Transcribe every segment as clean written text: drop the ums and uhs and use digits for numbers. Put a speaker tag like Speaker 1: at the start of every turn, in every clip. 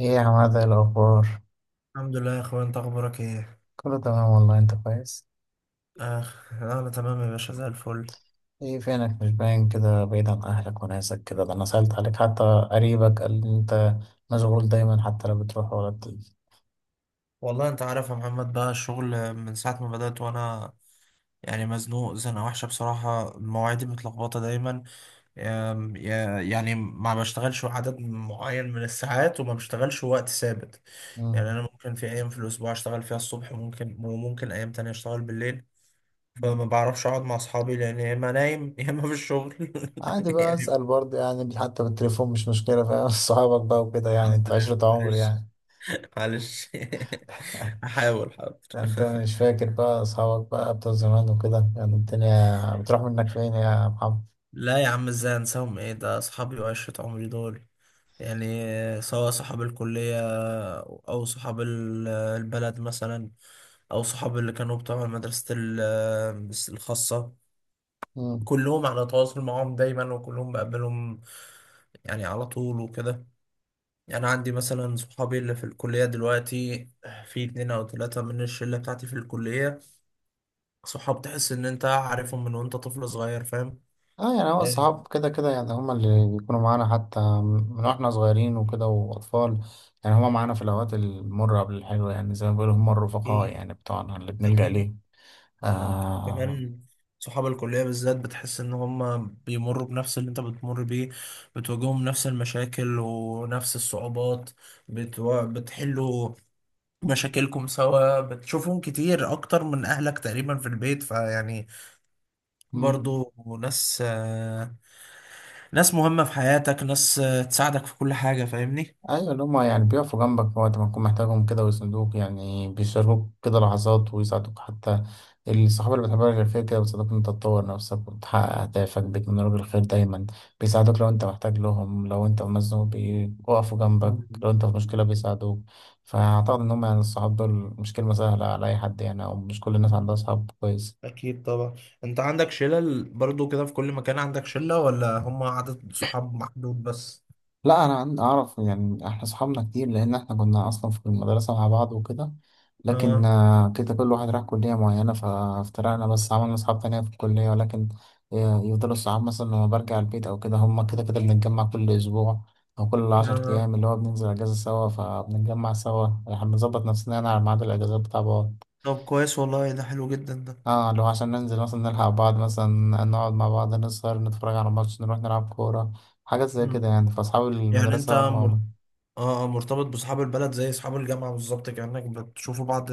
Speaker 1: ايه يا عماد، إيه الأخبار؟
Speaker 2: الحمد لله يا اخوان، انت اخبارك ايه؟
Speaker 1: كله تمام والله، انت كويس؟
Speaker 2: اخ، انا تمام يا باشا زي الفل.
Speaker 1: ايه فينك؟ مش باين كده، بعيد عن أهلك وناسك كده. ده أنا سألت عليك حتى. قريبك قال لي انت مشغول دايما، حتى لو بتروح ولا بتيجي.
Speaker 2: والله انت عارف يا محمد، بقى الشغل من ساعه ما بدأت، وانا يعني مزنوق زنقه وحشه بصراحه، مواعيدي متلخبطه دايما. يعني ما بشتغلش عدد معين من الساعات وما بشتغلش وقت ثابت. يعني
Speaker 1: مم.
Speaker 2: انا ممكن في ايام في الاسبوع اشتغل فيها الصبح، وممكن ايام تانية اشتغل بالليل.
Speaker 1: مم.
Speaker 2: فما بعرفش اقعد مع اصحابي لان يا اما نايم يا اما في الشغل
Speaker 1: عادي بقى
Speaker 2: يعني
Speaker 1: أسأل برضه يعني، حتى بالتليفون مش مشكلة، فاهم؟ صحابك بقى وكده، يعني
Speaker 2: الحمد
Speaker 1: انت
Speaker 2: لله،
Speaker 1: عشرة عمر
Speaker 2: معلش
Speaker 1: يعني.
Speaker 2: معلش هحاول،
Speaker 1: ده
Speaker 2: حاضر.
Speaker 1: انت مش فاكر بقى أصحابك بقى بتوع زمان وكده؟ يعني الدنيا بتروح منك فين يا محمد؟
Speaker 2: لا يا عم، ازاي انساهم؟ ايه ده، اصحابي وعشرة عمري دول. يعني سواء صحاب الكلية او صحاب البلد مثلا، او صحاب اللي كانوا بتوع مدرسة الخاصة. كلهم على تواصل معاهم دايما وكلهم بقابلهم يعني على طول وكده. يعني عندي مثلا صحابي اللي في الكلية دلوقتي، في اتنين او تلاتة من الشلة بتاعتي في الكلية، صحاب تحس ان انت عارفهم من وانت طفل صغير، فاهم؟
Speaker 1: اه، يعني هو الصحاب كده كده، يعني هما اللي بيكونوا معانا حتى من واحنا صغيرين وكده واطفال. يعني هما معانا في الاوقات المرة قبل الحلوة، يعني زي ما بيقولوا هما الرفقاء
Speaker 2: أكيد
Speaker 1: يعني بتوعنا اللي بنلجأ
Speaker 2: أكيد.
Speaker 1: ليه. آه.
Speaker 2: وكمان صحاب الكلية بالذات بتحس إن هم بيمروا بنفس اللي أنت بتمر بيه، بتواجههم نفس المشاكل ونفس الصعوبات. بتحلوا مشاكلكم سوا، بتشوفهم كتير أكتر من أهلك تقريبا في البيت، فيعني برضو ناس، ناس مهمة في حياتك، ناس تساعدك في كل حاجة، فاهمني؟
Speaker 1: ايوه، اللي هما يعني بيقفوا جنبك في وقت ما تكون محتاجهم كده، ويسندوك، يعني بيشاركوك كده لحظات ويساعدوك حتى. الصحاب اللي بتحبها غير، فيك كده بيساعدوك إن انت تطور نفسك وتحقق اهدافك، بيتمنى لك الخير دايما. بيساعدوك لو انت محتاج لهم، لو انت مزنوق بيقفوا جنبك.
Speaker 2: مم.
Speaker 1: لو انت في مشكلة بيساعدوك. فاعتقد ان هما يعني الصحاب دول مش كلمة سهلة على اي حد يعني، او مش كل الناس عندها صحاب كويس.
Speaker 2: أكيد طبعا. أنت عندك شلة برضو كده في كل مكان، عندك شلة ولا هم عدد صحاب محدود بس؟
Speaker 1: لا، انا اعرف يعني، احنا صحابنا كتير، لان احنا كنا اصلا في المدرسه مع بعض وكده. لكن
Speaker 2: اه
Speaker 1: كده كل واحد راح كليه معينه، فافترقنا، بس عملنا اصحاب تانية في الكليه. ولكن يفضلوا الصحاب، مثلا لما برجع البيت او كده، هما كده كده بنتجمع كل اسبوع او كل عشر
Speaker 2: اه.
Speaker 1: ايام، اللي هو بننزل اجازه سوا، فبنتجمع سوا. احنا بنظبط نفسنا يعني على ميعاد الاجازات بتاع بعض.
Speaker 2: طب كويس والله، ده حلو جدا ده.
Speaker 1: اه، لو عشان ننزل مثلا نلحق بعض، مثلا نقعد مع بعض، نسهر، نتفرج على ماتش، نروح نلعب كوره، حاجات زي
Speaker 2: مم.
Speaker 1: كده يعني. فأصحاب
Speaker 2: يعني انت
Speaker 1: المدرسة
Speaker 2: مر...
Speaker 1: هم.
Speaker 2: اه مرتبط بصحاب البلد زي اصحاب الجامعة بالظبط، كأنك بتشوفوا بعض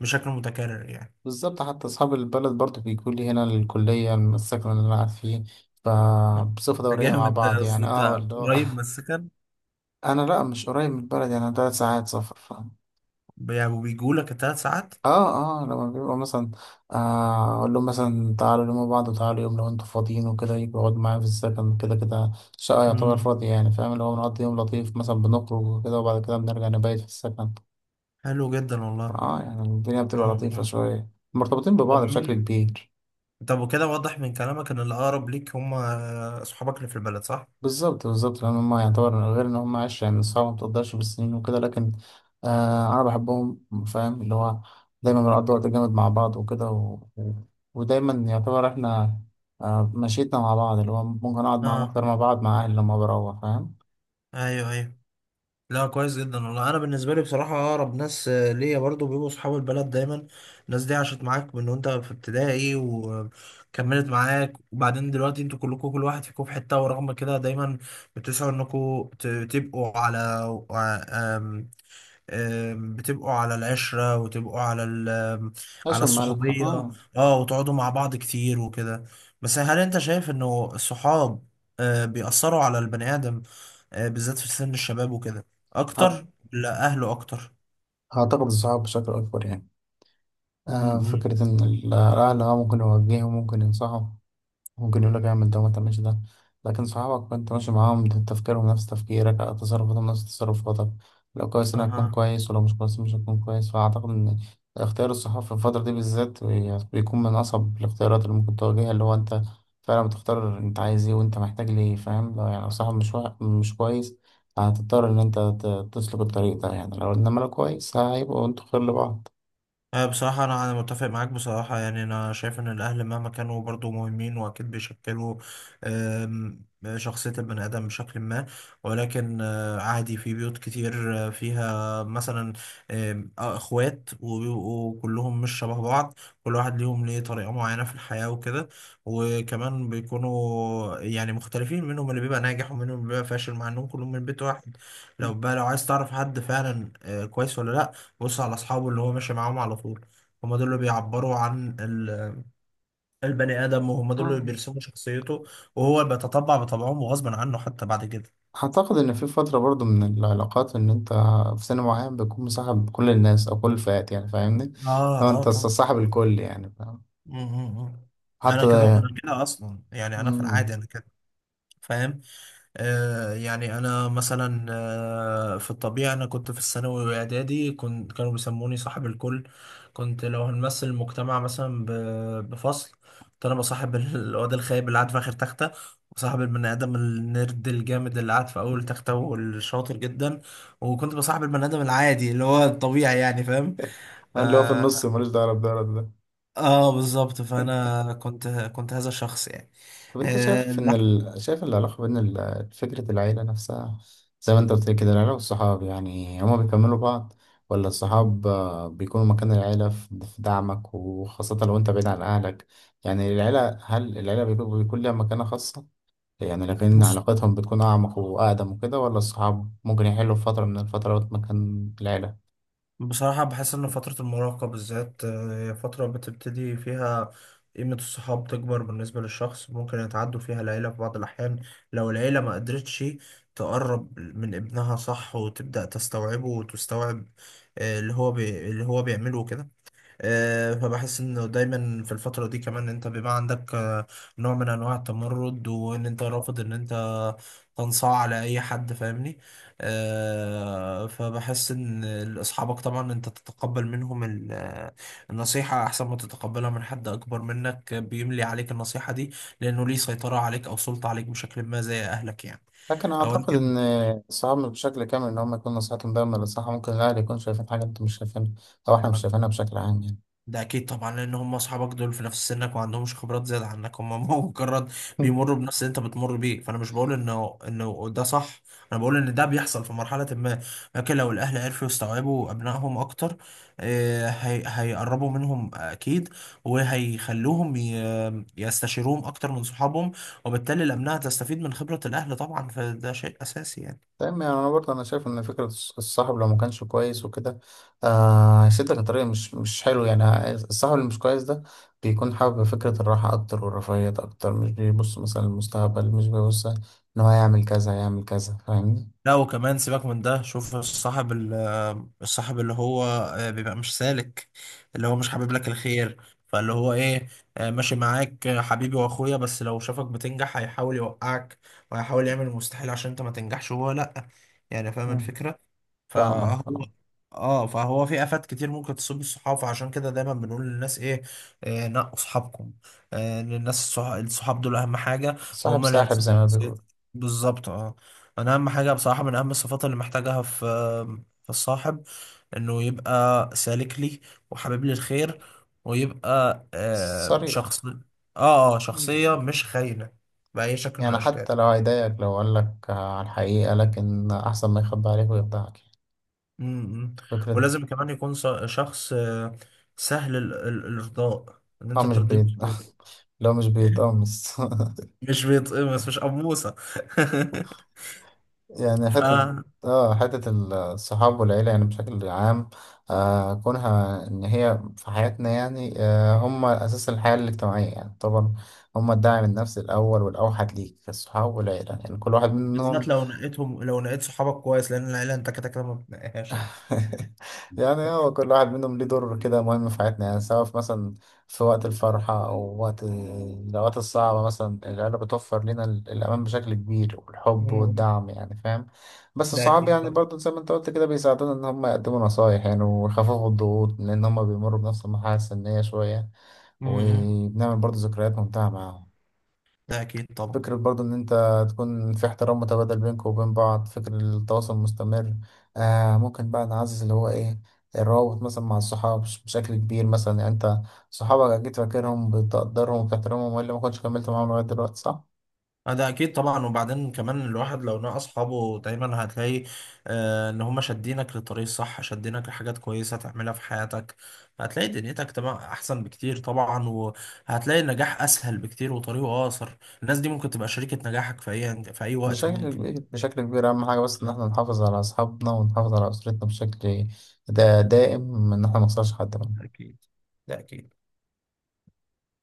Speaker 2: بشكل متكرر يعني.
Speaker 1: بالظبط، حتى أصحاب البلد برضو بيجوا لي هنا الكلية، السكن اللي أنا قاعد فيه،
Speaker 2: آه.
Speaker 1: فبصفة
Speaker 2: ده
Speaker 1: دورية مع
Speaker 2: جامد ده،
Speaker 1: بعض
Speaker 2: اصل
Speaker 1: يعني، اه
Speaker 2: انت
Speaker 1: اللي هو.
Speaker 2: قريب من السكن.
Speaker 1: أنا لأ، مش قريب من البلد يعني، تلات ساعات سفر ف.
Speaker 2: يعني وبيجوا لك الثلاث ساعات.
Speaker 1: اه اه، لما بيبقوا مثلا أقول لهم مثلا تعالوا يوم بعض، وتعالوا يوم لو أنتوا فاضيين وكده، يجوا يقعدوا معايا في السكن. كده كده الشقة يعتبر
Speaker 2: مم.
Speaker 1: فاضية يعني، فاهم؟ اللي هو بنقضي يوم لطيف مثلا، بنخرج وكده، وبعد كده بنرجع نبيت في السكن.
Speaker 2: حلو جدا والله.
Speaker 1: اه، يعني الدنيا بتبقى
Speaker 2: مم.
Speaker 1: لطيفة
Speaker 2: مم.
Speaker 1: شوية، مرتبطين
Speaker 2: طب
Speaker 1: ببعض بشكل
Speaker 2: مين
Speaker 1: كبير.
Speaker 2: طب وكده واضح من كلامك ان الاقرب ليك هم اصحابك اللي في البلد، صح؟
Speaker 1: بالظبط بالظبط، لان هم يعتبر غير ان هم عشرة يعني صعب، ما تقدرش بالسنين وكده. لكن انا بحبهم، فاهم اللي هو؟ دايما بنقضي وقت جامد مع بعض وكده ودايما يعتبر احنا مشيتنا مع بعض، اللي هو ممكن اقعد معاهم
Speaker 2: اه
Speaker 1: اكتر ما بقعد مع اهلي لما بروح، فاهم؟
Speaker 2: ايوه ايوه. لا كويس جدا والله، انا بالنسبه لي بصراحه اقرب ناس ليا برضو بيبقوا صحاب البلد دايما. الناس دي عاشت معاك من وانت في ابتدائي وكملت معاك، وبعدين دلوقتي انتوا كلكم كل واحد فيكم في حته، ورغم كده دايما بتسعوا انكم تبقوا على آه، آم، آم، بتبقوا على العشره وتبقوا على ال- آم، على
Speaker 1: عشان مال
Speaker 2: الصحوبيه،
Speaker 1: اه.
Speaker 2: اه، وتقعدوا مع بعض كتير وكده. بس هل انت شايف انه الصحاب بيأثروا على البني آدم بالذات في سن الشباب وكده
Speaker 1: هت-
Speaker 2: اكتر لا اهله اكتر؟
Speaker 1: هعتقد الصحاب بشكل اكبر يعني.
Speaker 2: م- م.
Speaker 1: فكرة ان الاهل ممكن يوجههم، ممكن ينصحوا، ممكن يقول لك اعمل ده وما تعملش ده. لكن صحابك انت ماشي معاهم ده، تفكيرهم نفس تفكيرك، تصرفاتهم نفس تصرفاتك. لو كويس انا هتكون
Speaker 2: اها.
Speaker 1: كويس، ولو مش كويس مش هتكون كويس. فاعتقد ان اختيار الصحاب في الفترة دي بالذات بيكون من اصعب الاختيارات اللي ممكن تواجهها، اللي هو انت فعلا بتختار انت عايز ايه وانت محتاج ليه، فاهم؟ لو يعني لو صاحب مش مش كويس، هتضطر ان انت تسلك الطريق ده يعني. لو انما لو كويس هيبقوا انتوا خير لبعض.
Speaker 2: أه بصراحة، أنا متفق معاك بصراحة. يعني أنا شايف إن الأهل مهما كانوا برضو مهمين، وأكيد بيشكلوا آم، شخصية البني آدم بشكل ما. ولكن عادي في بيوت كتير فيها مثلا آم، آه، إخوات وبيبقوا كلهم مش شبه بعض، كل واحد ليهم ليه طريقة معينة في الحياة وكده. وكمان بيكونوا يعني مختلفين، منهم اللي بيبقى ناجح ومنهم اللي بيبقى فاشل، مع إنهم كلهم من بيت واحد. لو بقى لو عايز تعرف حد فعلا كويس ولا لأ، بص على اصحابه اللي هو ماشي معاهم على طول. هم دول اللي بيعبروا عن البني ادم، وهم دول اللي
Speaker 1: اه.
Speaker 2: بيرسموا شخصيته، وهو بيتطبع بطبعهم وغصبا عنه حتى بعد كده.
Speaker 1: أعتقد إن في فترة برضو من العلاقات، إن أنت في سن معين بتكون مصاحب كل الناس أو كل الفئات يعني، فاهمني؟
Speaker 2: اه
Speaker 1: لو
Speaker 2: اه
Speaker 1: أنت
Speaker 2: طبعا.
Speaker 1: صاحب الكل يعني، فاهم؟
Speaker 2: م- م- م. انا
Speaker 1: حتى ده
Speaker 2: كده
Speaker 1: يعني.
Speaker 2: انا كده اصلا، يعني انا في
Speaker 1: مم.
Speaker 2: العادي انا كده، فاهم؟ يعني أنا مثلا في الطبيعة أنا كنت في الثانوي وإعدادي، كانوا بيسموني صاحب الكل. كنت لو هنمثل المجتمع مثلا بفصل، كنت أنا بصاحب الواد الخايب اللي قاعد في آخر تختة، وصاحب البني آدم النرد الجامد اللي قاعد في أول تختة والشاطر جدا، وكنت بصاحب البني آدم العادي اللي هو الطبيعي، يعني فاهم. ف...
Speaker 1: اللي هو في النص ملوش دعوة بده ولا ده.
Speaker 2: آه بالظبط، فأنا كنت هذا الشخص يعني.
Speaker 1: طب أنت
Speaker 2: آه،
Speaker 1: شايف إن
Speaker 2: لا،
Speaker 1: شايف العلاقة بين فكرة العيلة نفسها، زي ما أنت قلت لي كده، العيلة والصحاب يعني هما بيكملوا بعض، ولا الصحاب بيكونوا مكان العيلة في دعمك، وخاصة لو أنت بعيد عن أهلك؟ يعني العيلة، هل العيلة بيكون ليها مكانة خاصة؟ يعني لكن
Speaker 2: بص
Speaker 1: علاقتهم بتكون أعمق وأقدم وكده، ولا الصحاب ممكن يحلوا في فترة من الفترات مكان العيلة؟
Speaker 2: بصراحة، بحس إن فترة المراهقة بالذات هي فترة بتبتدي فيها قيمة الصحاب تكبر بالنسبة للشخص، ممكن يتعدوا فيها العيلة في بعض الأحيان. لو العيلة ما قدرتش تقرب من ابنها صح، وتبدأ تستوعبه وتستوعب اللي هو اللي هو بيعمله كده. فبحس انه دايما في الفترة دي كمان انت بيبقى عندك نوع من انواع التمرد، وان انت رافض ان انت تنصاع على اي حد، فاهمني؟ فبحس ان اصحابك طبعا انت تتقبل منهم النصيحة احسن ما تتقبلها من حد اكبر منك بيملي عليك النصيحة دي، لانه ليه سيطرة عليك او سلطة عليك بشكل ما زي اهلك يعني.
Speaker 1: لكن أعتقد
Speaker 2: ولكن
Speaker 1: إن الصحاب مش بشكل كامل إن هم يكون نصيحتهم دايما للصح، ممكن الأهل يكون شايفين حاجة أنت مش شايفينها، أو إحنا مش شايفينها بشكل عام يعني.
Speaker 2: ده اكيد طبعا، لان هم اصحابك دول في نفس سنك وما عندهمش خبرات زياده عنك، هم مجرد بيمروا بنفس اللي انت بتمر بيه. فانا مش بقول انه ده صح، انا بقول ان ده بيحصل في مرحله ما. لكن لو الاهل عرفوا يستوعبوا ابنائهم اكتر هي هيقربوا منهم اكيد، وهيخلوهم يستشيروهم اكتر من صحابهم، وبالتالي الابناء تستفيد من خبره الاهل طبعا، فده شيء اساسي يعني.
Speaker 1: تمام، يعني أنا برضه أنا شايف إن فكرة الصاحب لو ما كانش كويس وكده هيسدك لطريق مش مش حلو يعني. الصاحب اللي مش كويس ده بيكون حابب فكرة الراحة أكتر والرفاهية أكتر، مش بيبص مثلا للمستقبل، مش بيبص إن هو يعمل كذا يعمل كذا، فاهمني؟
Speaker 2: لا وكمان سيبك من ده، شوف الصاحب الصاحب اللي هو بيبقى مش سالك، اللي هو مش حابب لك الخير، فاللي هو ايه، ماشي معاك حبيبي واخويا، بس لو شافك بتنجح هيحاول يوقعك، وهيحاول يعمل المستحيل عشان انت ما تنجحش، وهو لا، يعني فاهم
Speaker 1: مم.
Speaker 2: الفكرة.
Speaker 1: فاهمك
Speaker 2: فهو
Speaker 1: فاهمك.
Speaker 2: اه فهو في افات كتير ممكن تصيب الصحاب، فعشان كده دايما بنقول للناس ايه, نقوا صحابكم، للناس الصحاب دول اهم حاجه،
Speaker 1: صاحب
Speaker 2: وهم اللي
Speaker 1: ساحب
Speaker 2: هيرسموا
Speaker 1: زي ما بيقول.
Speaker 2: شخصيتك، بالظبط اه. انا اهم حاجه بصراحه، من اهم الصفات اللي محتاجها في الصاحب انه يبقى سالك لي، وحبيب لي الخير، ويبقى آه شخص
Speaker 1: صريح.
Speaker 2: اه، اه
Speaker 1: مم.
Speaker 2: شخصيه مش خاينه باي شكل من
Speaker 1: يعني
Speaker 2: الاشكال.
Speaker 1: حتى لو هيضايقك لو قال لك على الحقيقة، لكن أحسن ما يخبي عليك ويخدعك يعني.
Speaker 2: مم.
Speaker 1: فكرة.
Speaker 2: ولازم كمان يكون شخص سهل الارضاء، ان
Speaker 1: اه
Speaker 2: انت
Speaker 1: مش
Speaker 2: ترضيه
Speaker 1: بيت.
Speaker 2: بسهوله،
Speaker 1: لو مش بيتقمص.
Speaker 2: مش بيتقمص مش قموصه
Speaker 1: يعني
Speaker 2: ف
Speaker 1: حتة. اه حتة. الصحاب والعيلة يعني بشكل عام، كونها إن هي في حياتنا يعني، هم أساس الحياة الاجتماعية يعني طبعا. هم الداعم النفسي الأول والأوحد ليك، الصحاب والعيلة يعني كل واحد منهم.
Speaker 2: بالذات لو نقيتهم، لو نقيت صحابك كويس، لان العيله انت كده كده ما بتنقيهاش يعني.
Speaker 1: يعني هو كل واحد منهم ليه دور كده مهم في حياتنا، يعني سواء في مثلا في وقت الفرحة أو وقت الأوقات الصعبة. مثلا العيلة بتوفر لنا الأمان بشكل كبير، والحب
Speaker 2: مم.
Speaker 1: والدعم يعني، فاهم؟ بس
Speaker 2: ده
Speaker 1: الصحاب
Speaker 2: اكيد
Speaker 1: يعني
Speaker 2: طبعا.
Speaker 1: برضو زي ما أنت قلت كده بيساعدونا إن هم يقدموا نصايح يعني، ويخففوا الضغوط، لأن هم بيمروا بنفس المرحلة السنية شوية،
Speaker 2: مم.
Speaker 1: وبنعمل برضو ذكريات ممتعة معاهم.
Speaker 2: ده اكيد طبعا.
Speaker 1: فكرة برضو إن أنت تكون في احترام متبادل بينك وبين بعض، فكرة التواصل المستمر ممكن بقى نعزز اللي هو إيه، الروابط مثلا مع الصحاب بشكل كبير مثلا. يعني أنت صحابك أكيد فاكرهم، بتقدرهم وبتحترمهم، وإلا ما كنتش كملت معاهم لغاية دلوقتي، صح؟
Speaker 2: اه ده اكيد طبعا. وبعدين كمان الواحد لو نقى اصحابه دايما هتلاقي آه ان هم شادينك للطريق الصح، شادينك لحاجات كويسه تعملها في حياتك، هتلاقي دنيتك تبقى احسن بكتير طبعا، وهتلاقي النجاح اسهل بكتير وطريقه اقصر. الناس دي ممكن تبقى شريكه نجاحك في اي وقت
Speaker 1: بشكل
Speaker 2: ممكن.
Speaker 1: كبير بشكل كبير. أهم حاجة بس إن
Speaker 2: اه
Speaker 1: إحنا نحافظ على أصحابنا ونحافظ على أسرتنا بشكل دا دائم، إن إحنا منخسرش حد منهم.
Speaker 2: أكيد، ده اكيد.